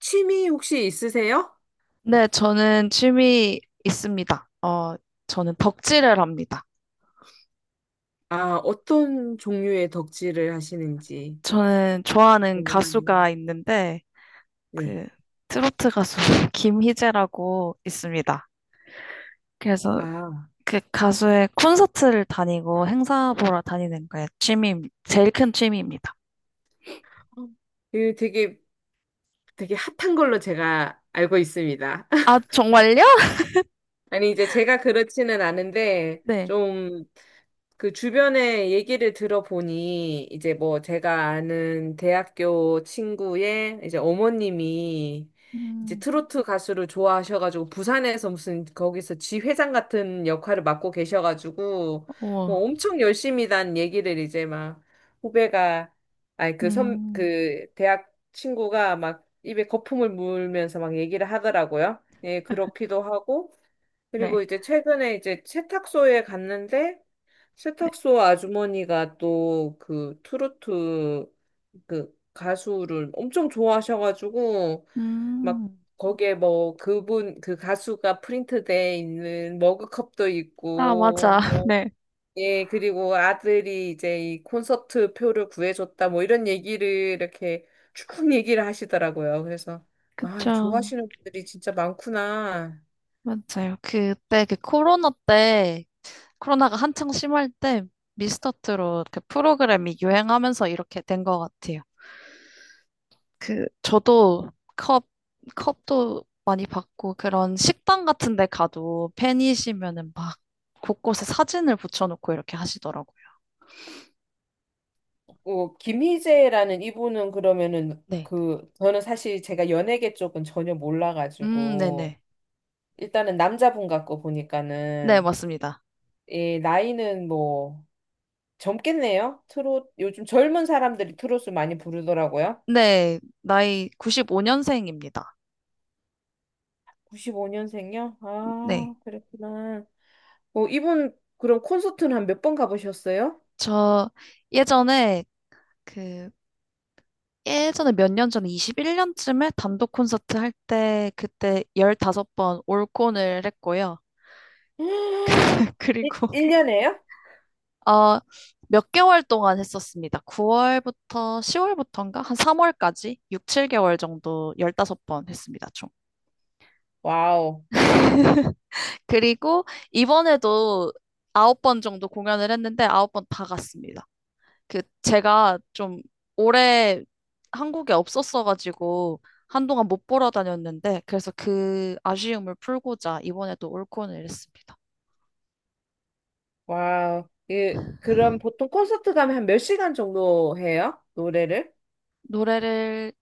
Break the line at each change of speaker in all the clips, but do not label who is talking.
취미 혹시 있으세요?
네, 저는 취미 있습니다. 저는 덕질을 합니다.
아, 어떤 종류의 덕질을 하시는지
저는 좋아하는
궁금하네요.
가수가 있는데,
네.
그, 트로트 가수 김희재라고 있습니다. 그래서
아,
그 가수의 콘서트를 다니고 행사 보러 다니는 거에 취미, 제일 큰 취미입니다.
그 되게 핫한 걸로 제가 알고 있습니다.
아, 정말요?
아니, 이제 제가 그렇지는 않은데
네.
좀 그 주변에 얘기를 들어보니 이제 뭐 제가 아는 대학교 친구의 이제 어머님이 이제
음,
트로트 가수를 좋아하셔가지고 부산에서 무슨 거기서 지회장 같은 역할을 맡고 계셔가지고 뭐
어머.
엄청 열심히 단 얘기를 이제 막 후배가 아니
음,
그 대학 친구가 막 입에 거품을 물면서 막 얘기를 하더라고요. 예, 그렇기도 하고,
네.
그리고 이제 최근에 이제 세탁소에 갔는데
네.
세탁소 아주머니가 또 그 트로트 그 가수를 엄청 좋아하셔가지고 막
음,
거기에 뭐 그분 그 가수가 프린트돼 있는 머그컵도
아, 맞아.
있고 뭐,
네.
예, 그리고 아들이 이제 이 콘서트 표를 구해줬다 뭐 이런 얘기를 이렇게 쭉 얘기를 하시더라고요. 그래서 아,
그쵸.
좋아하시는 분들이 진짜 많구나.
맞아요. 그때 그 코로나 때 코로나가 한창 심할 때 미스터트롯 그 프로그램이 유행하면서 이렇게 된 것 같아요. 그 저도 컵 컵도 많이 받고 그런 식당 같은 데 가도 팬이시면은 막 곳곳에 사진을 붙여놓고 이렇게 하시더라고요.
어, 김희재라는 이분은 그러면은
네.
그 저는 사실 제가 연예계 쪽은 전혀 몰라가지고
네네.
일단은 남자분 같고
네,
보니까는
맞습니다.
예, 나이는 뭐 젊겠네요. 트롯 요즘 젊은 사람들이 트롯을 많이 부르더라고요.
네, 나이 95년생입니다.
95년생요?
네.
아, 그랬구나. 어, 이분 그럼 콘서트는 한 몇 번 가보셨어요?
저 예전에 그 예전에 몇 년 전에 21년쯤에 단독 콘서트 할 때 그때 15번 올콘을 했고요.
1,
그리고
일년에요?
어, 몇 개월 동안 했었습니다. 9월부터 10월부터인가? 한 3월까지 6, 7개월 정도 15번 했습니다, 총.
와우.
그리고 이번에도 9번 정도 공연을 했는데 9번 다 갔습니다. 그 제가 좀 오래 한국에 없었어가지고 한동안 못 보러 다녔는데 그래서 그 아쉬움을 풀고자 이번에도 올콘을 했습니다.
와우. 예, 그럼 보통 콘서트 가면 한 몇 시간 정도 해요? 노래를?
노래를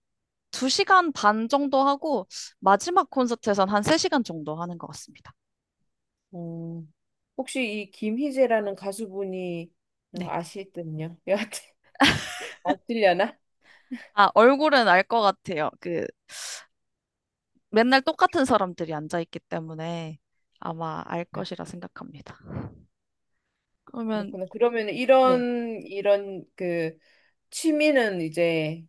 2시간 반 정도 하고 마지막 콘서트에선 한 3시간 정도 하는 것 같습니다.
음, 혹시 이 김희재라는 가수분이
네.
아시군요. 여하튼 아시려나?
아, 얼굴은 알 것 같아요. 그 맨날 똑같은 사람들이 앉아있기 때문에 아마 알 것이라 생각합니다. 그러면
그렇구나. 그러면
네.
이런 그 취미는 이제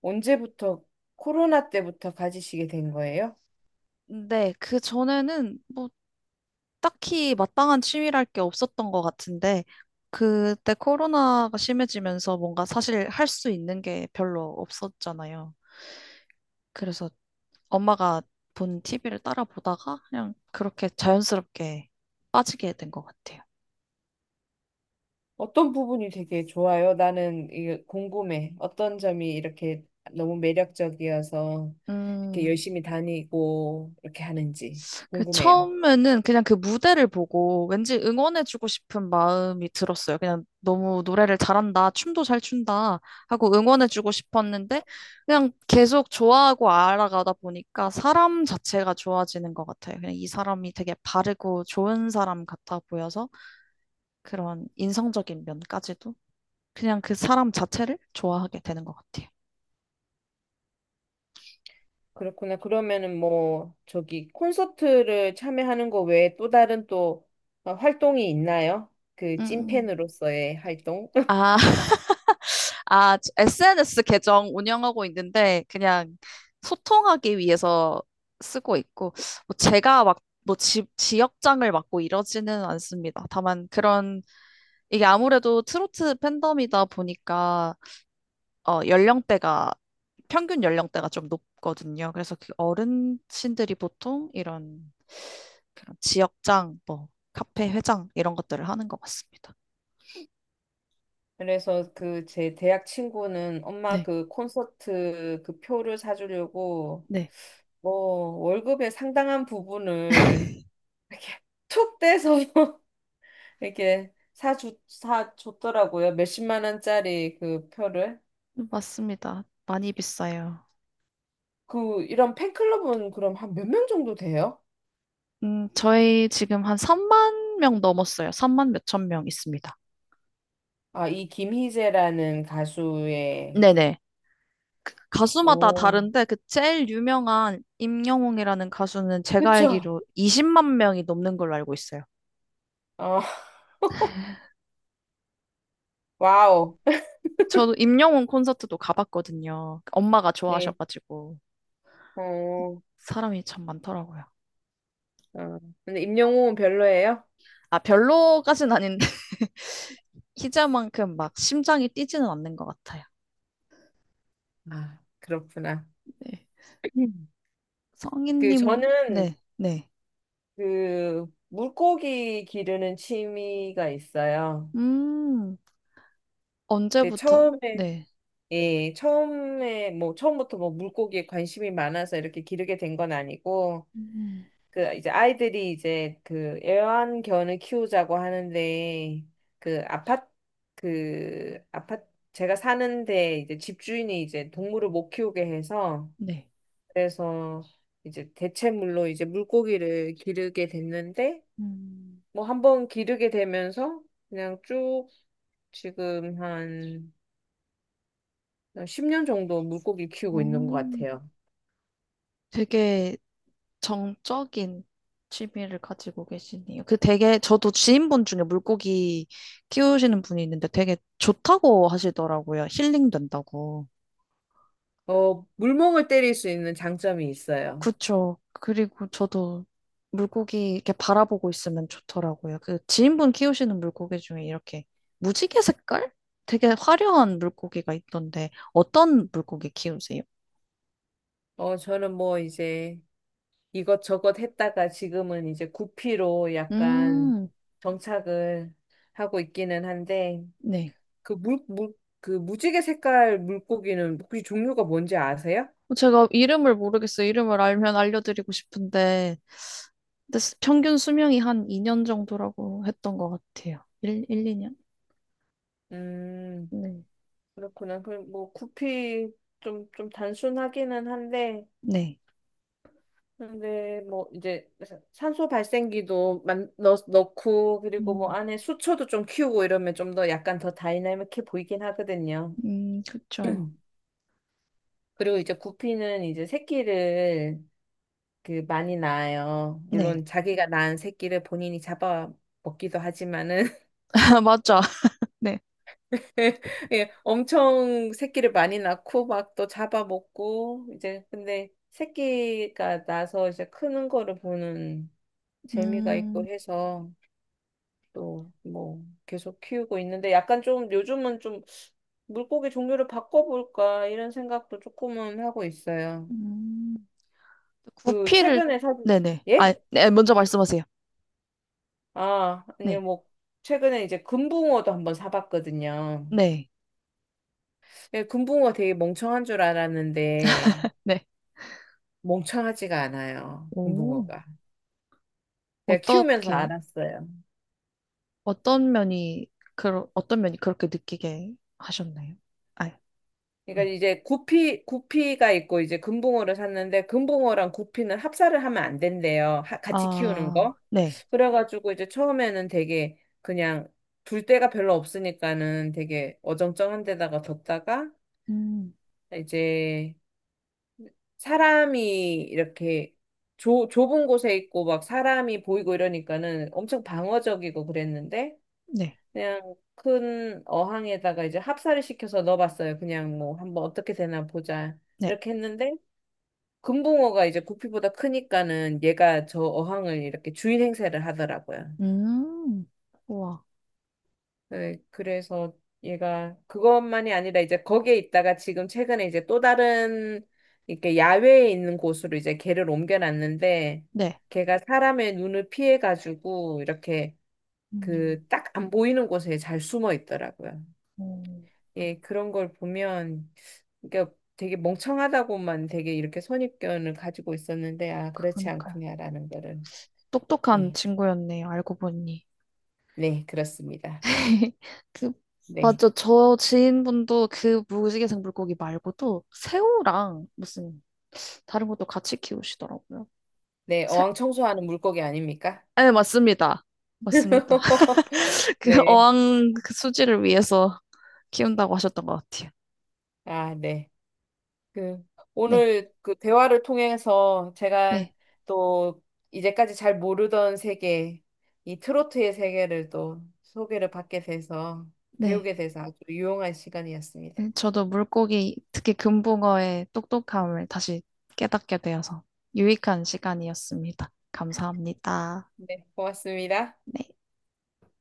언제부터 코로나 때부터 가지시게 된 거예요?
네, 그 전에는 뭐 딱히 마땅한 취미랄 게 없었던 것 같은데, 그때 코로나가 심해지면서 뭔가 사실 할 수 있는 게 별로 없었잖아요. 그래서 엄마가 본 TV를 따라 보다가 그냥 그렇게 자연스럽게 빠지게 된 것 같아요.
어떤 부분이 되게 좋아요? 나는 이게 궁금해. 어떤 점이 이렇게 너무 매력적이어서 이렇게
음,
열심히 다니고 이렇게 하는지
그
궁금해요.
처음에는 그냥 그 무대를 보고 왠지 응원해주고 싶은 마음이 들었어요. 그냥 너무 노래를 잘한다, 춤도 잘 춘다 하고 응원해주고 싶었는데 그냥 계속 좋아하고 알아가다 보니까 사람 자체가 좋아지는 것 같아요. 그냥 이 사람이 되게 바르고 좋은 사람 같아 보여서 그런 인성적인 면까지도 그냥 그 사람 자체를 좋아하게 되는 것 같아요.
그렇구나. 그러면은 뭐 저기 콘서트를 참여하는 거 외에 또 다른 또 어, 활동이 있나요? 그
음.
찐팬으로서의 활동?
아. 아, 저 SNS 계정 운영하고 있는데 그냥 소통하기 위해서 쓰고 있고 뭐 제가 막 뭐 지역장을 맡고 이러지는 않습니다. 다만 그런 이게 아무래도 트로트 팬덤이다 보니까 연령대가 평균 연령대가 좀 높거든요. 그래서 그 어른신들이 보통 이런 그런 지역장 뭐 카페 회장 이런 것들을 하는 것 같습니다.
그래서 그 제 대학 친구는 엄마
네,
그 콘서트 그 표를 사주려고
네.
뭐 월급의 상당한 부분을 이렇게 툭 떼서 이렇게 사주 사줬더라고요. 몇십만 원짜리 그 표를.
맞습니다. 많이 비싸요.
그 이런 팬클럽은 그럼 한 몇 명 정도 돼요?
저희 지금 한 3만 명 넘었어요. 3만 몇천 명 있습니다.
아, 이 김희재라는 가수의.
네네. 가수마다
오,
다른데 그 제일 유명한 임영웅이라는 가수는 제가
그쵸?
알기로 20만 명이 넘는 걸로 알고 있어요.
어, 와우.
저도 임영웅 콘서트도 가봤거든요. 엄마가
네.
좋아하셔가지고
어, 어.
사람이 참 많더라고요.
근데 임영웅은 별로예요?
아, 별로까진 아닌데 희자만큼 막 심장이 뛰지는 않는 것 같아요.
아, 그렇구나.
네.
음. 그
성인님은
저는
네, 네.
그 물고기 기르는 취미가 있어요.
음,
근데
언제부터?
처음에,
네.
예, 처음에 뭐 처음부터 뭐 물고기에 관심이 많아서 이렇게 기르게 된 건 아니고
음,
그 이제 아이들이 이제 그 애완견을 키우자고 하는데 그 아파트 그 아파트 제가 사는데 이제 집주인이 이제 동물을 못 키우게 해서.
네.
그래서 이제 대체물로 이제 물고기를 기르게 됐는데
음.
뭐 한번 기르게 되면서 그냥 쭉 지금 한 10년 정도 물고기
오
키우고 있는 것 같아요.
되게 정적인 취미를 가지고 계시네요. 그 되게 저도 지인분 중에 물고기 키우시는 분이 있는데 되게 좋다고 하시더라고요. 힐링 된다고.
어, 물멍을 때릴 수 있는 장점이 있어요.
그쵸. 그리고 저도 물고기 이렇게 바라보고 있으면 좋더라고요. 그 지인분 키우시는 물고기 중에 이렇게 무지개 색깔? 되게 화려한 물고기가 있던데 어떤 물고기 키우세요?
어, 저는 뭐 이제 이것저것 했다가 지금은 이제 구피로 약간
음,
정착을 하고 있기는 한데,
네.
그 물, 물, 그 무지개 색깔 물고기는 혹시 종류가 뭔지 아세요?
제가 이름을 모르겠어요. 이름을 알면 알려드리고 싶은데, 근데 평균 수명이 한 2년 정도라고 했던 것 같아요. 1, 1, 2년?
음,
네.
그렇구나. 그럼 뭐 구피 좀 단순하기는 한데,
네.
근데 뭐 이제 산소 발생기도 넣고 그리고 뭐
음,
안에 수초도 좀 키우고 이러면 좀 더 약간 더 다이나믹해 보이긴 하거든요.
그쵸.
그리고 이제 구피는 이제 새끼를 그 많이 낳아요.
네.
물론 자기가 낳은 새끼를 본인이 잡아 먹기도 하지만은
맞죠. 네.
예, 엄청 새끼를 많이 낳고 막 또 잡아 먹고 이제, 근데 새끼가 나서 이제 크는 거를 보는 재미가 있고
음,
해서 또 뭐 계속 키우고 있는데 약간 좀 요즘은 좀 물고기 종류를 바꿔볼까 이런 생각도 조금은 하고 있어요.
음.
그
구피를,
최근에 사
네네.
예?
아, 네, 먼저 말씀하세요.
아, 아니요
네.
뭐. 최근에 이제 금붕어도 한번 사봤거든요.
네.
예, 금붕어 되게 멍청한 줄 알았는데
네.
멍청하지가 않아요.
오,
금붕어가. 제가 키우면서
어떻게요?
알았어요.
어떤 면이, 어떤 면이 그렇게 느끼게 하셨나요? 아, 네.
그러니까 이제 구피가 있고 이제 금붕어를 샀는데 금붕어랑 구피는 합사를 하면 안 된대요. 하- 같이 키우는
아,
거.
네.
그래가지고 이제 처음에는 되게 그냥 둘 데가 별로 없으니까는 되게 어정쩡한 데다가 뒀다가
음.
이제 사람이 이렇게 좁 좁은 곳에 있고 막 사람이 보이고 이러니까는 엄청 방어적이고 그랬는데
네,
그냥 큰 어항에다가 이제 합사를 시켜서 넣어봤어요. 그냥 뭐 한번 어떻게 되나 보자
네.
이렇게 했는데 금붕어가 이제 부피보다 크니까는 얘가 저 어항을 이렇게 주인 행세를 하더라고요.
음, 우와,
네, 그래서 얘가 그것만이 아니라 이제 거기에 있다가 지금 최근에 이제 또 다른 이렇게 야외에 있는 곳으로 이제 걔를 옮겨놨는데
네.
걔가 사람의 눈을 피해가지고 이렇게
음,
그 딱 안 보이는 곳에 잘 숨어 있더라고요.
오,
예, 그런 걸 보면 그러니까 되게 멍청하다고만 되게 이렇게 선입견을 가지고 있었는데 아, 그렇지
그러니까요.
않구냐라는 거를.
똑똑한
예.
친구였네요, 알고 보니.
네, 그렇습니다.
그,
네.
맞죠. 저 지인분도 그 무지개색 물고기 말고도 새우랑 무슨 다른 것도 같이 키우시더라고요.
네,
새,
어항 청소하는 물고기 아닙니까?
네, 맞습니다. 맞습니다. 그
네.
어항 그 수질을 위해서 키운다고 하셨던 것 같아요.
아, 네. 그,
네,
오늘 그 대화를 통해서 제가
네,
또 이제까지 잘 모르던 세계, 이 트로트의 세계를 또 소개를 받게 돼서,
네.
배우게 돼서 아주 유용한 시간이었습니다.
네, 저도 물고기, 특히 금붕어의 똑똑함을 다시 깨닫게 되어서 유익한 시간이었습니다. 감사합니다.
네, 고맙습니다.
네.